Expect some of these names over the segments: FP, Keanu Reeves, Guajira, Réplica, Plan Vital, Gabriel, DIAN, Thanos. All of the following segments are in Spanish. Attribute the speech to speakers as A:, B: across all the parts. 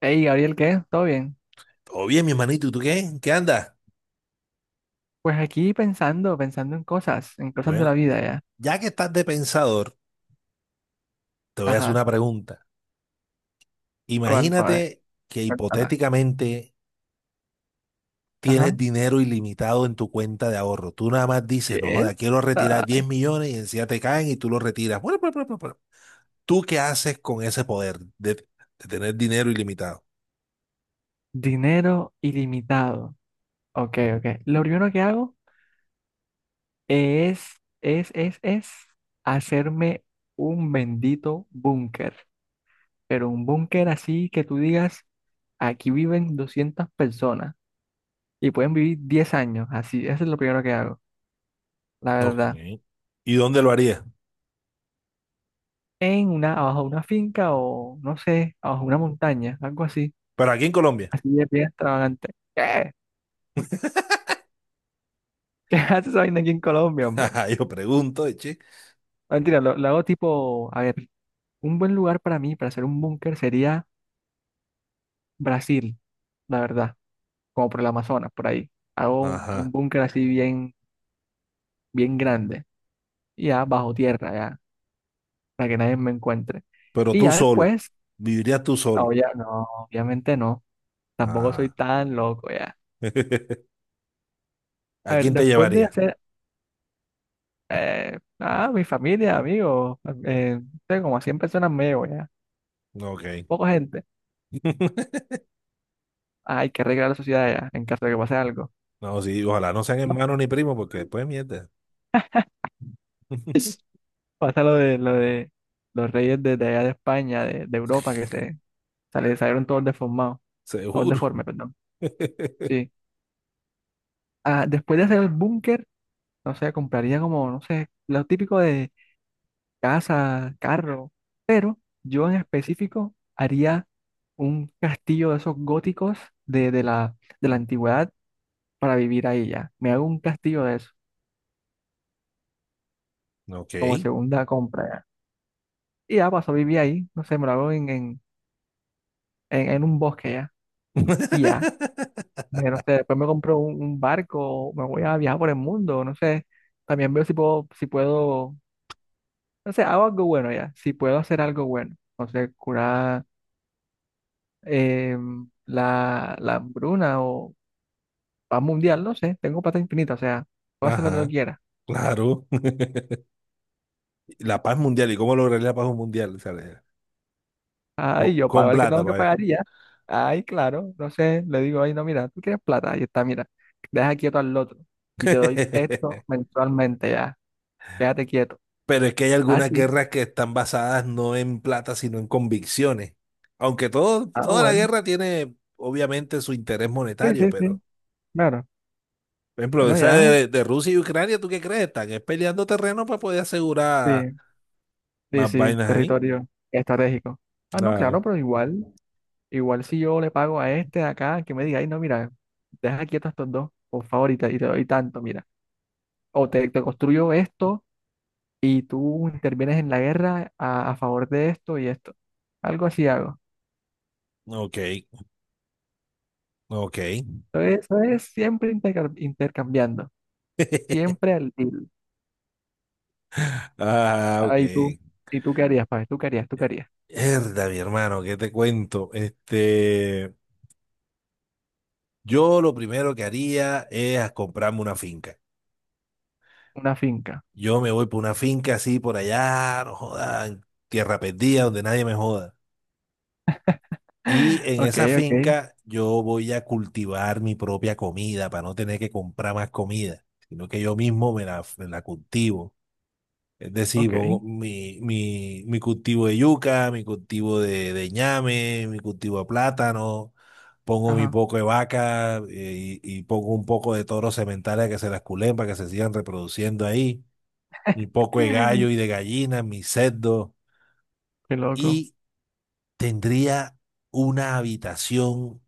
A: Hey, Gabriel, ¿qué? ¿Todo bien?
B: Todo bien, mi hermanito, ¿y tú qué? ¿Qué andas?
A: Pues aquí pensando, en cosas, de la
B: Bueno,
A: vida ya.
B: ya que estás de pensador, te voy a hacer
A: Ajá.
B: una pregunta.
A: ¿Cuál fue? A ver,
B: Imagínate que
A: cuéntala.
B: hipotéticamente tienes
A: Ajá.
B: dinero ilimitado en tu cuenta de ahorro. Tú nada más dices, no
A: Bien.
B: joda, quiero retirar
A: Ah,
B: 10 millones y encima te caen y tú lo retiras. Bueno, bueno. ¿Tú qué haces con ese poder de tener dinero ilimitado?
A: Dinero ilimitado. Ok, ok. Lo primero que hago es, es hacerme un bendito búnker. Pero un búnker así que tú digas, aquí viven 200 personas y pueden vivir 10 años. Así, eso es lo primero que hago, la
B: Ok.
A: verdad.
B: ¿Y dónde lo harías?
A: En una, abajo de una finca o no sé, abajo de una montaña, algo así,
B: Pero aquí en Colombia.
A: así de bien extravagante. ¿Qué? ¿Qué haces esa vaina aquí en Colombia, hombre?
B: Ajá, yo pregunto, che.
A: No, mentira, lo hago tipo, a ver, un buen lugar para mí, para hacer un búnker sería Brasil, la verdad, como por el Amazonas, por ahí. Hago un
B: Ajá.
A: búnker así bien, bien grande, y ya bajo tierra, ya, para que nadie me encuentre.
B: Pero
A: Y
B: tú
A: ya
B: solo.
A: después,
B: Vivirías tú
A: no,
B: solo.
A: ya, no, obviamente no, tampoco soy
B: Ah.
A: tan loco, ya.
B: ¿A
A: A ver,
B: quién te
A: después de
B: llevaría?
A: hacer, eh, nada, mi familia, amigos, tengo como 100 personas me llevo ya,
B: No, ok.
A: poca gente. Ah, hay que arreglar la sociedad ya, en caso de que pase algo.
B: No, sí, ojalá no sean
A: No,
B: hermanos ni primos, porque después mierda.
A: es- pasa lo de los reyes de allá de España, de Europa, que se salieron todos deformados, todos
B: Seguro.
A: deformes, perdón. Sí. Ah, después de hacer el búnker, no sé, compraría como, no sé, lo típico de casa, carro, pero yo en específico haría un castillo de esos góticos de la, antigüedad para vivir ahí ya. Me hago un castillo de eso,
B: Ok.
A: como segunda compra ya. Y ya paso a vivir ahí, no sé, me lo hago en un bosque ya. Y ya, no sé, después me compro un barco, me voy a viajar por el mundo, no sé. También veo si puedo, no sé, hago algo bueno ya, si puedo hacer algo bueno. No sé, curar, eh, la, la hambruna o paz mundial, no sé, tengo plata infinita, o sea, puedo hacer lo que yo
B: Ajá,
A: quiera.
B: claro. La paz mundial, ¿y cómo lograr la paz mundial? O sea, le-
A: Ay, yo
B: con
A: pago el que
B: plata,
A: tengo que
B: pa' ver.
A: pagar y ya. Ay, claro. No sé, le digo, ay, no, mira, tú quieres plata. Ahí está, mira. Deja quieto al otro. Y te doy esto mensualmente ya. Quédate quieto.
B: Pero es que hay
A: Ah,
B: algunas
A: sí.
B: guerras que están basadas no en plata, sino en convicciones. Aunque todo,
A: Ah,
B: toda la
A: bueno.
B: guerra tiene, obviamente, su interés
A: Sí,
B: monetario,
A: sí, sí.
B: pero
A: Claro.
B: por ejemplo,
A: Bueno,
B: esa
A: ya.
B: de Rusia y Ucrania, ¿tú qué crees? Están es peleando terreno para poder
A: Sí,
B: asegurar
A: sí,
B: más
A: sí.
B: vainas ahí.
A: Territorio estratégico. Ah, no,
B: Claro.
A: claro, pero igual, igual si yo le pago a este de acá, que me diga, ay, no, mira, deja quieto a estos dos, por favor, y te doy tanto, mira. O te construyo esto y tú intervienes en la guerra a favor de esto y esto. Algo así hago.
B: Ok, ok.
A: Entonces, eso es siempre intercambiando, siempre al deal.
B: Ah, ok.
A: Ah, ¿y tú qué harías, Pablo? ¿Tú qué harías? ¿Tú qué harías?
B: Herda, mi hermano, ¿qué te cuento? Este, yo lo primero que haría es a comprarme una finca.
A: Una finca.
B: Yo me voy por una finca así por allá, no jodan, tierra perdida, donde nadie me joda. Y en
A: Ok,
B: esa
A: ok,
B: finca yo voy a cultivar mi propia comida para no tener que comprar más comida, sino que yo mismo me la cultivo. Es decir, pongo
A: ok.
B: mi cultivo de yuca, mi cultivo de ñame, mi cultivo de plátano, pongo mi
A: Ajá.
B: poco de vaca y pongo un poco de toros sementales que se las culen para que se sigan reproduciendo ahí, mi poco de gallo y de gallina, mi cerdo
A: Qué loco.
B: y tendría una habitación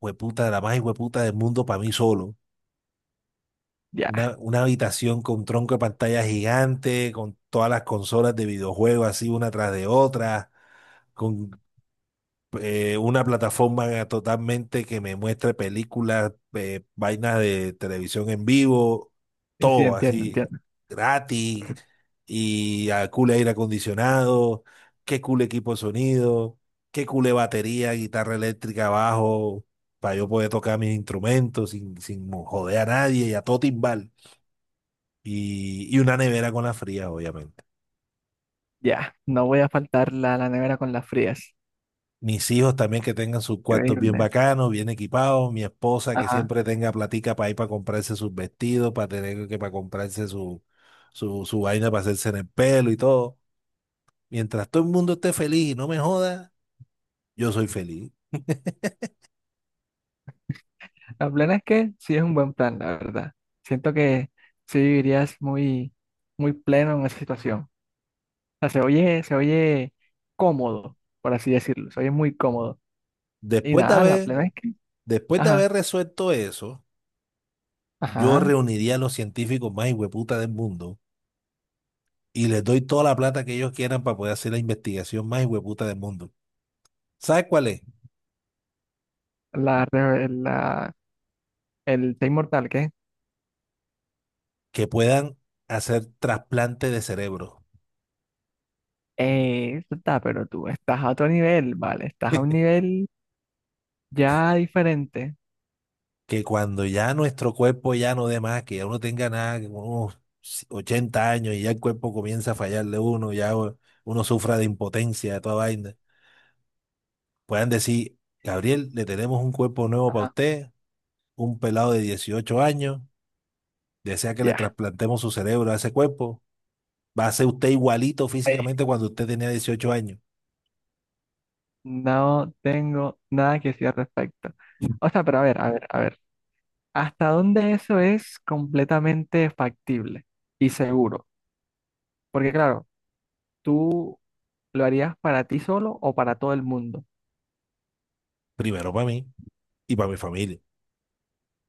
B: hueputa, la más hueputa del mundo para mí solo.
A: Ya.
B: Una habitación con tronco de pantalla gigante, con todas las consolas de videojuegos así una tras de otra, con una plataforma totalmente que me muestre películas, vainas de televisión en vivo,
A: Sí, sí,
B: todo
A: entiendo,
B: así
A: entiendo.
B: gratis y a cool aire acondicionado, qué cool equipo de sonido, qué cool batería, guitarra eléctrica, bajo, para yo poder tocar mis instrumentos sin joder a nadie y a todo timbal. Y una nevera con la fría, obviamente.
A: Ya. No voy a faltar la, la nevera con las frías.
B: Mis hijos también que tengan sus cuartos bien
A: Increíble.
B: bacanos, bien equipados. Mi esposa que
A: Ajá.
B: siempre tenga platica para ir para comprarse sus vestidos, para tener que para comprarse su vaina para hacerse en el pelo y todo. Mientras todo el mundo esté feliz y no me joda, yo soy feliz.
A: La plena es que sí es un buen plan, la verdad. Siento que sí vivirías muy, muy pleno en esa situación. Sea, se oye cómodo, por así decirlo, se oye muy cómodo. Y
B: Después de
A: nada, la
B: haber,
A: plena es que,
B: después de haber
A: ajá,
B: resuelto eso, yo
A: ajá,
B: reuniría a los científicos más hueputa del mundo y les doy toda la plata que ellos quieran para poder hacer la investigación más hueputa del mundo. ¿Sabes cuál es?
A: la, re- la, el Te Inmortal, ¿qué?
B: Que puedan hacer trasplante de cerebro.
A: Eso está, pero tú estás a otro nivel, ¿vale? Estás a un nivel ya diferente.
B: Que cuando ya nuestro cuerpo ya no dé más, que ya uno tenga nada, que unos 80 años y ya el cuerpo comienza a fallarle a uno, ya u- uno sufra de impotencia, de toda vaina, puedan decir, Gabriel, le tenemos un cuerpo nuevo para
A: Ajá,
B: usted, un pelado de 18 años, desea que le
A: ya.
B: trasplantemos su cerebro a ese cuerpo, va a ser usted igualito
A: Ahí.
B: físicamente cuando usted tenía 18 años,
A: No tengo nada que decir al respecto. O sea, pero a ver, a ver, a ver. ¿Hasta dónde eso es completamente factible y seguro? Porque claro, tú, ¿lo harías para ti solo o para todo el mundo?
B: primero para mí y para mi familia.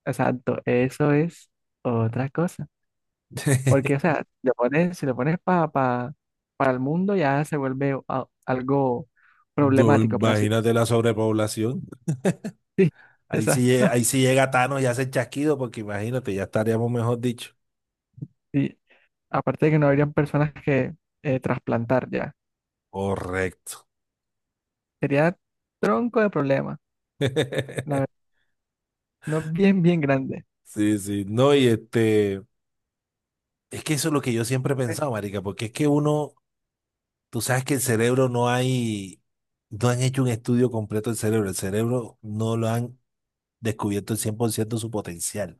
A: Exacto, eso es otra cosa. Porque, o sea, le pones, si le pones para el mundo, ya se vuelve algo
B: Do-
A: problemático, por así
B: imagínate la sobrepoblación.
A: decirlo. Sí,
B: Ahí sí, lle-
A: exacto.
B: ahí sí llega Thanos y hace el chasquido, porque imagínate, ya estaríamos mejor dicho.
A: Y aparte de que no habrían personas que, trasplantar ya.
B: Correcto.
A: Sería tronco de problema. La verdad, no bien, bien grande.
B: Sí, sí. No, y este, es que eso es lo que yo siempre he pensado, marica, porque es que uno, tú sabes que el cerebro no hay, no han hecho un estudio completo del cerebro. El cerebro no lo han descubierto el 100% su potencial.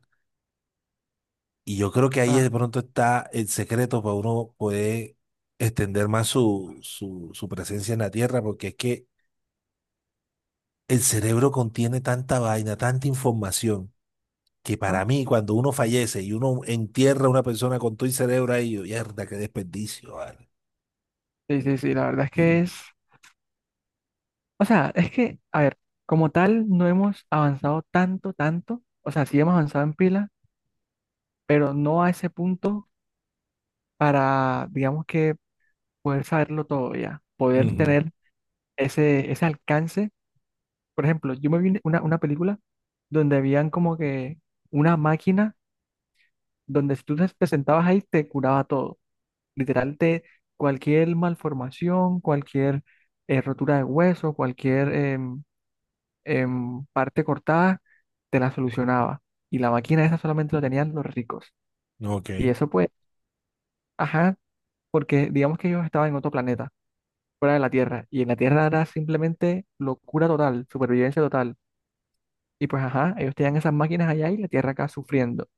B: Y yo creo que ahí
A: Ajá.
B: de pronto está el secreto para uno poder extender más su presencia en la Tierra, porque es que el cerebro contiene tanta vaina, tanta información, que para mí, cuando uno fallece y uno entierra a una persona con todo el cerebro ahí, yo, mierda, qué desperdicio, vale".
A: Sí, sí, sí, la verdad es que es. O sea, es que, a ver, como tal, no hemos avanzado tanto, tanto. O sea, sí hemos avanzado en pila, pero no a ese punto para, digamos que, poder saberlo todo ya, poder
B: Ujú,
A: tener ese, ese alcance. Por ejemplo, yo me vi una película donde habían como que una máquina donde si tú te sentabas ahí te curaba todo. Literal, te, cualquier malformación, cualquier, rotura de hueso, cualquier... en parte cortada, te la solucionaba. Y la máquina esa solamente lo tenían los ricos.
B: ok.
A: Y eso pues, ajá, porque digamos que ellos estaban en otro planeta, fuera de la Tierra. Y en la Tierra era simplemente locura total, supervivencia total. Y pues, ajá, ellos tenían esas máquinas allá y la Tierra acá sufriendo.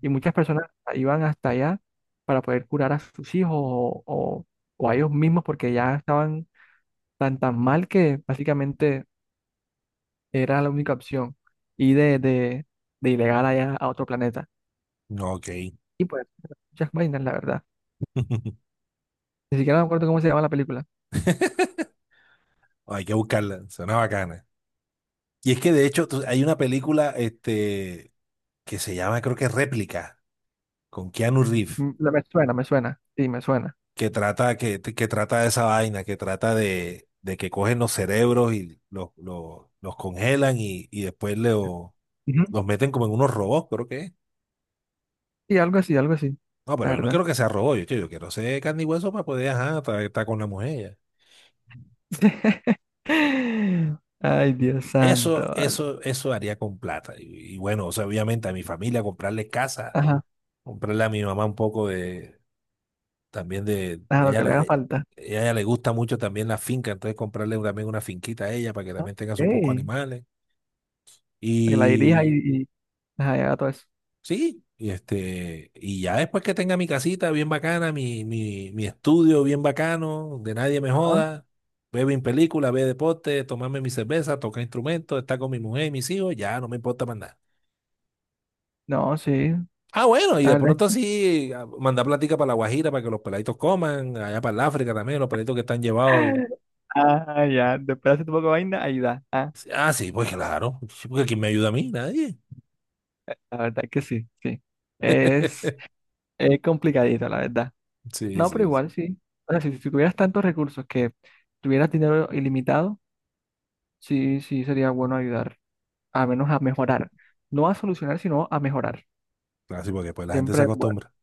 A: Y muchas personas iban hasta allá para poder curar a sus hijos o a ellos mismos porque ya estaban tan tan mal que básicamente era la única opción. Y de ilegal allá a otro planeta.
B: Ujú, ok.
A: Y pues, muchas vainas, la verdad. Ni siquiera me acuerdo cómo se llama la película.
B: Hay que buscarla, suena bacana. Y es que de hecho tú- hay una película este, que se llama, creo que Réplica, con Keanu Reeves,
A: Mm, me suena, me suena. Sí, me suena.
B: que trata de esa vaina, que trata de que cogen los cerebros y los congelan y después le
A: Ujú.
B: los meten como en unos robots, creo que es.
A: Y algo así,
B: No,
A: la
B: pero yo no
A: verdad.
B: quiero que sea robot, yo quiero ser carne y hueso para poder, ajá, estar con la mujer. Ya.
A: Ay, Dios santo,
B: Eso,
A: vale.
B: eso, eso haría con plata. Y bueno, o sea, obviamente a mi familia comprarle casa,
A: Ajá,
B: comprarle a mi mamá un poco de, también de,
A: ajá, lo
B: ella
A: que le
B: le,
A: haga falta.
B: ella le gusta mucho también la finca, entonces comprarle también una finquita a ella para que
A: Ah, ok,
B: también tenga sus pocos
A: que
B: animales.
A: la dirija
B: Y
A: y ajá, y haga todo eso.
B: sí, y este, y ya después que tenga mi casita bien bacana, mi estudio bien bacano, de nadie me
A: Ajá,
B: joda, veo mi película, veo deporte, tomarme mi cerveza, tocar instrumentos, estar con mi mujer y mis hijos, ya no me importa más nada.
A: no, sí,
B: Ah, bueno, y
A: la
B: de
A: verdad.
B: pronto sí, a- mandar plática para la Guajira para que los peladitos coman, allá para el África también, los peladitos que están llevados. Y-
A: Ah, ya, después hace tu poco de vaina, ahí da. Ah,
B: ah, sí, pues claro, sí, porque ¿quién me ayuda a mí? Nadie.
A: la verdad que sí, sí. Es, es complicadito, la verdad.
B: Sí, sí,
A: No, pero
B: sí.
A: igual sí. O sea, si, si tuvieras tantos recursos que tuvieras dinero ilimitado, sí, sí sería bueno ayudar, a menos a mejorar. No a solucionar, sino a mejorar.
B: Claro, sí, porque pues la gente se
A: Siempre, es bueno,
B: acostumbra.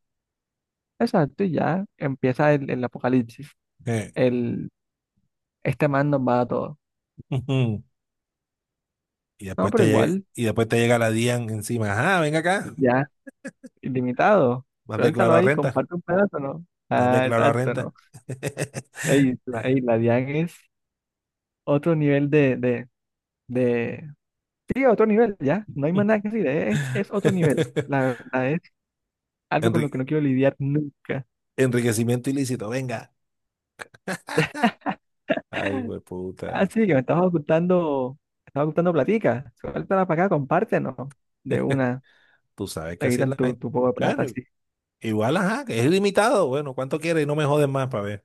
A: exacto, y ya empieza el apocalipsis.
B: Eh.
A: El, este man nos va a todo.
B: Y
A: No,
B: después te,
A: pero
B: lle-
A: igual,
B: y después te llega la DIAN encima. Ajá, venga acá.
A: ya, ilimitado.
B: No has
A: Suéltalo
B: declarado
A: ahí,
B: renta.
A: comparte un pedazo, ¿no?
B: No has
A: Ah,
B: declarado
A: exacto,
B: renta.
A: ¿no? Ey, la DIAN es otro nivel de... Sí, otro nivel, ya. No hay más nada que decir, es otro nivel. La verdad algo con lo
B: Enri-
A: que no quiero lidiar nunca.
B: enriquecimiento ilícito, venga. Ay, güey,
A: Ah,
B: puta.
A: sí, que me estabas ocultando platica. Suéltala para acá, compártenos. De una,
B: Tú sabes que
A: te
B: así es
A: quitan
B: la
A: tu,
B: gente.
A: tu poco de plata,
B: Bueno,
A: así.
B: igual, ajá, que es ilimitado. Bueno, ¿cuánto quieres? Y no me jodes más para ver.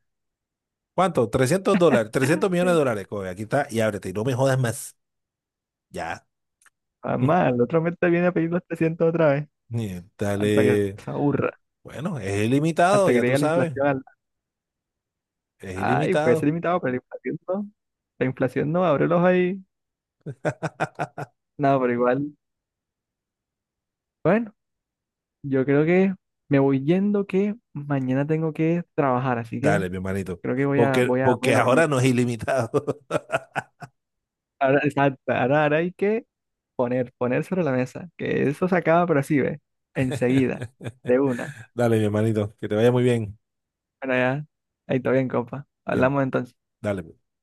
B: ¿Cuánto? $300, $300 millones. Coge, aquí está y ábrete. Y no me jodas más. Ya.
A: Mamá, el otro mes te viene a pedir los 300 otra vez, hasta que
B: Dale.
A: se aburra,
B: Bueno, es ilimitado,
A: hasta que
B: ya tú
A: llegue la
B: sabes.
A: inflación.
B: Es
A: Ay, puede ser
B: ilimitado.
A: limitado, pero la inflación no. La inflación no, abre los ahí. No, pero igual. Bueno, yo creo que me voy yendo que mañana tengo que trabajar, así que
B: Dale, mi hermanito.
A: creo que
B: Porque,
A: voy a
B: porque
A: dormir.
B: ahora no es ilimitado.
A: Ahora, exacto, ahora, ahora hay que poner, poner sobre la mesa, que eso se acaba, pero así ve, enseguida, de una.
B: Dale, mi hermanito. Que te vaya muy bien.
A: Bueno, ya, ahí está bien, compa.
B: Bien,
A: Hablamos entonces.
B: dale pues.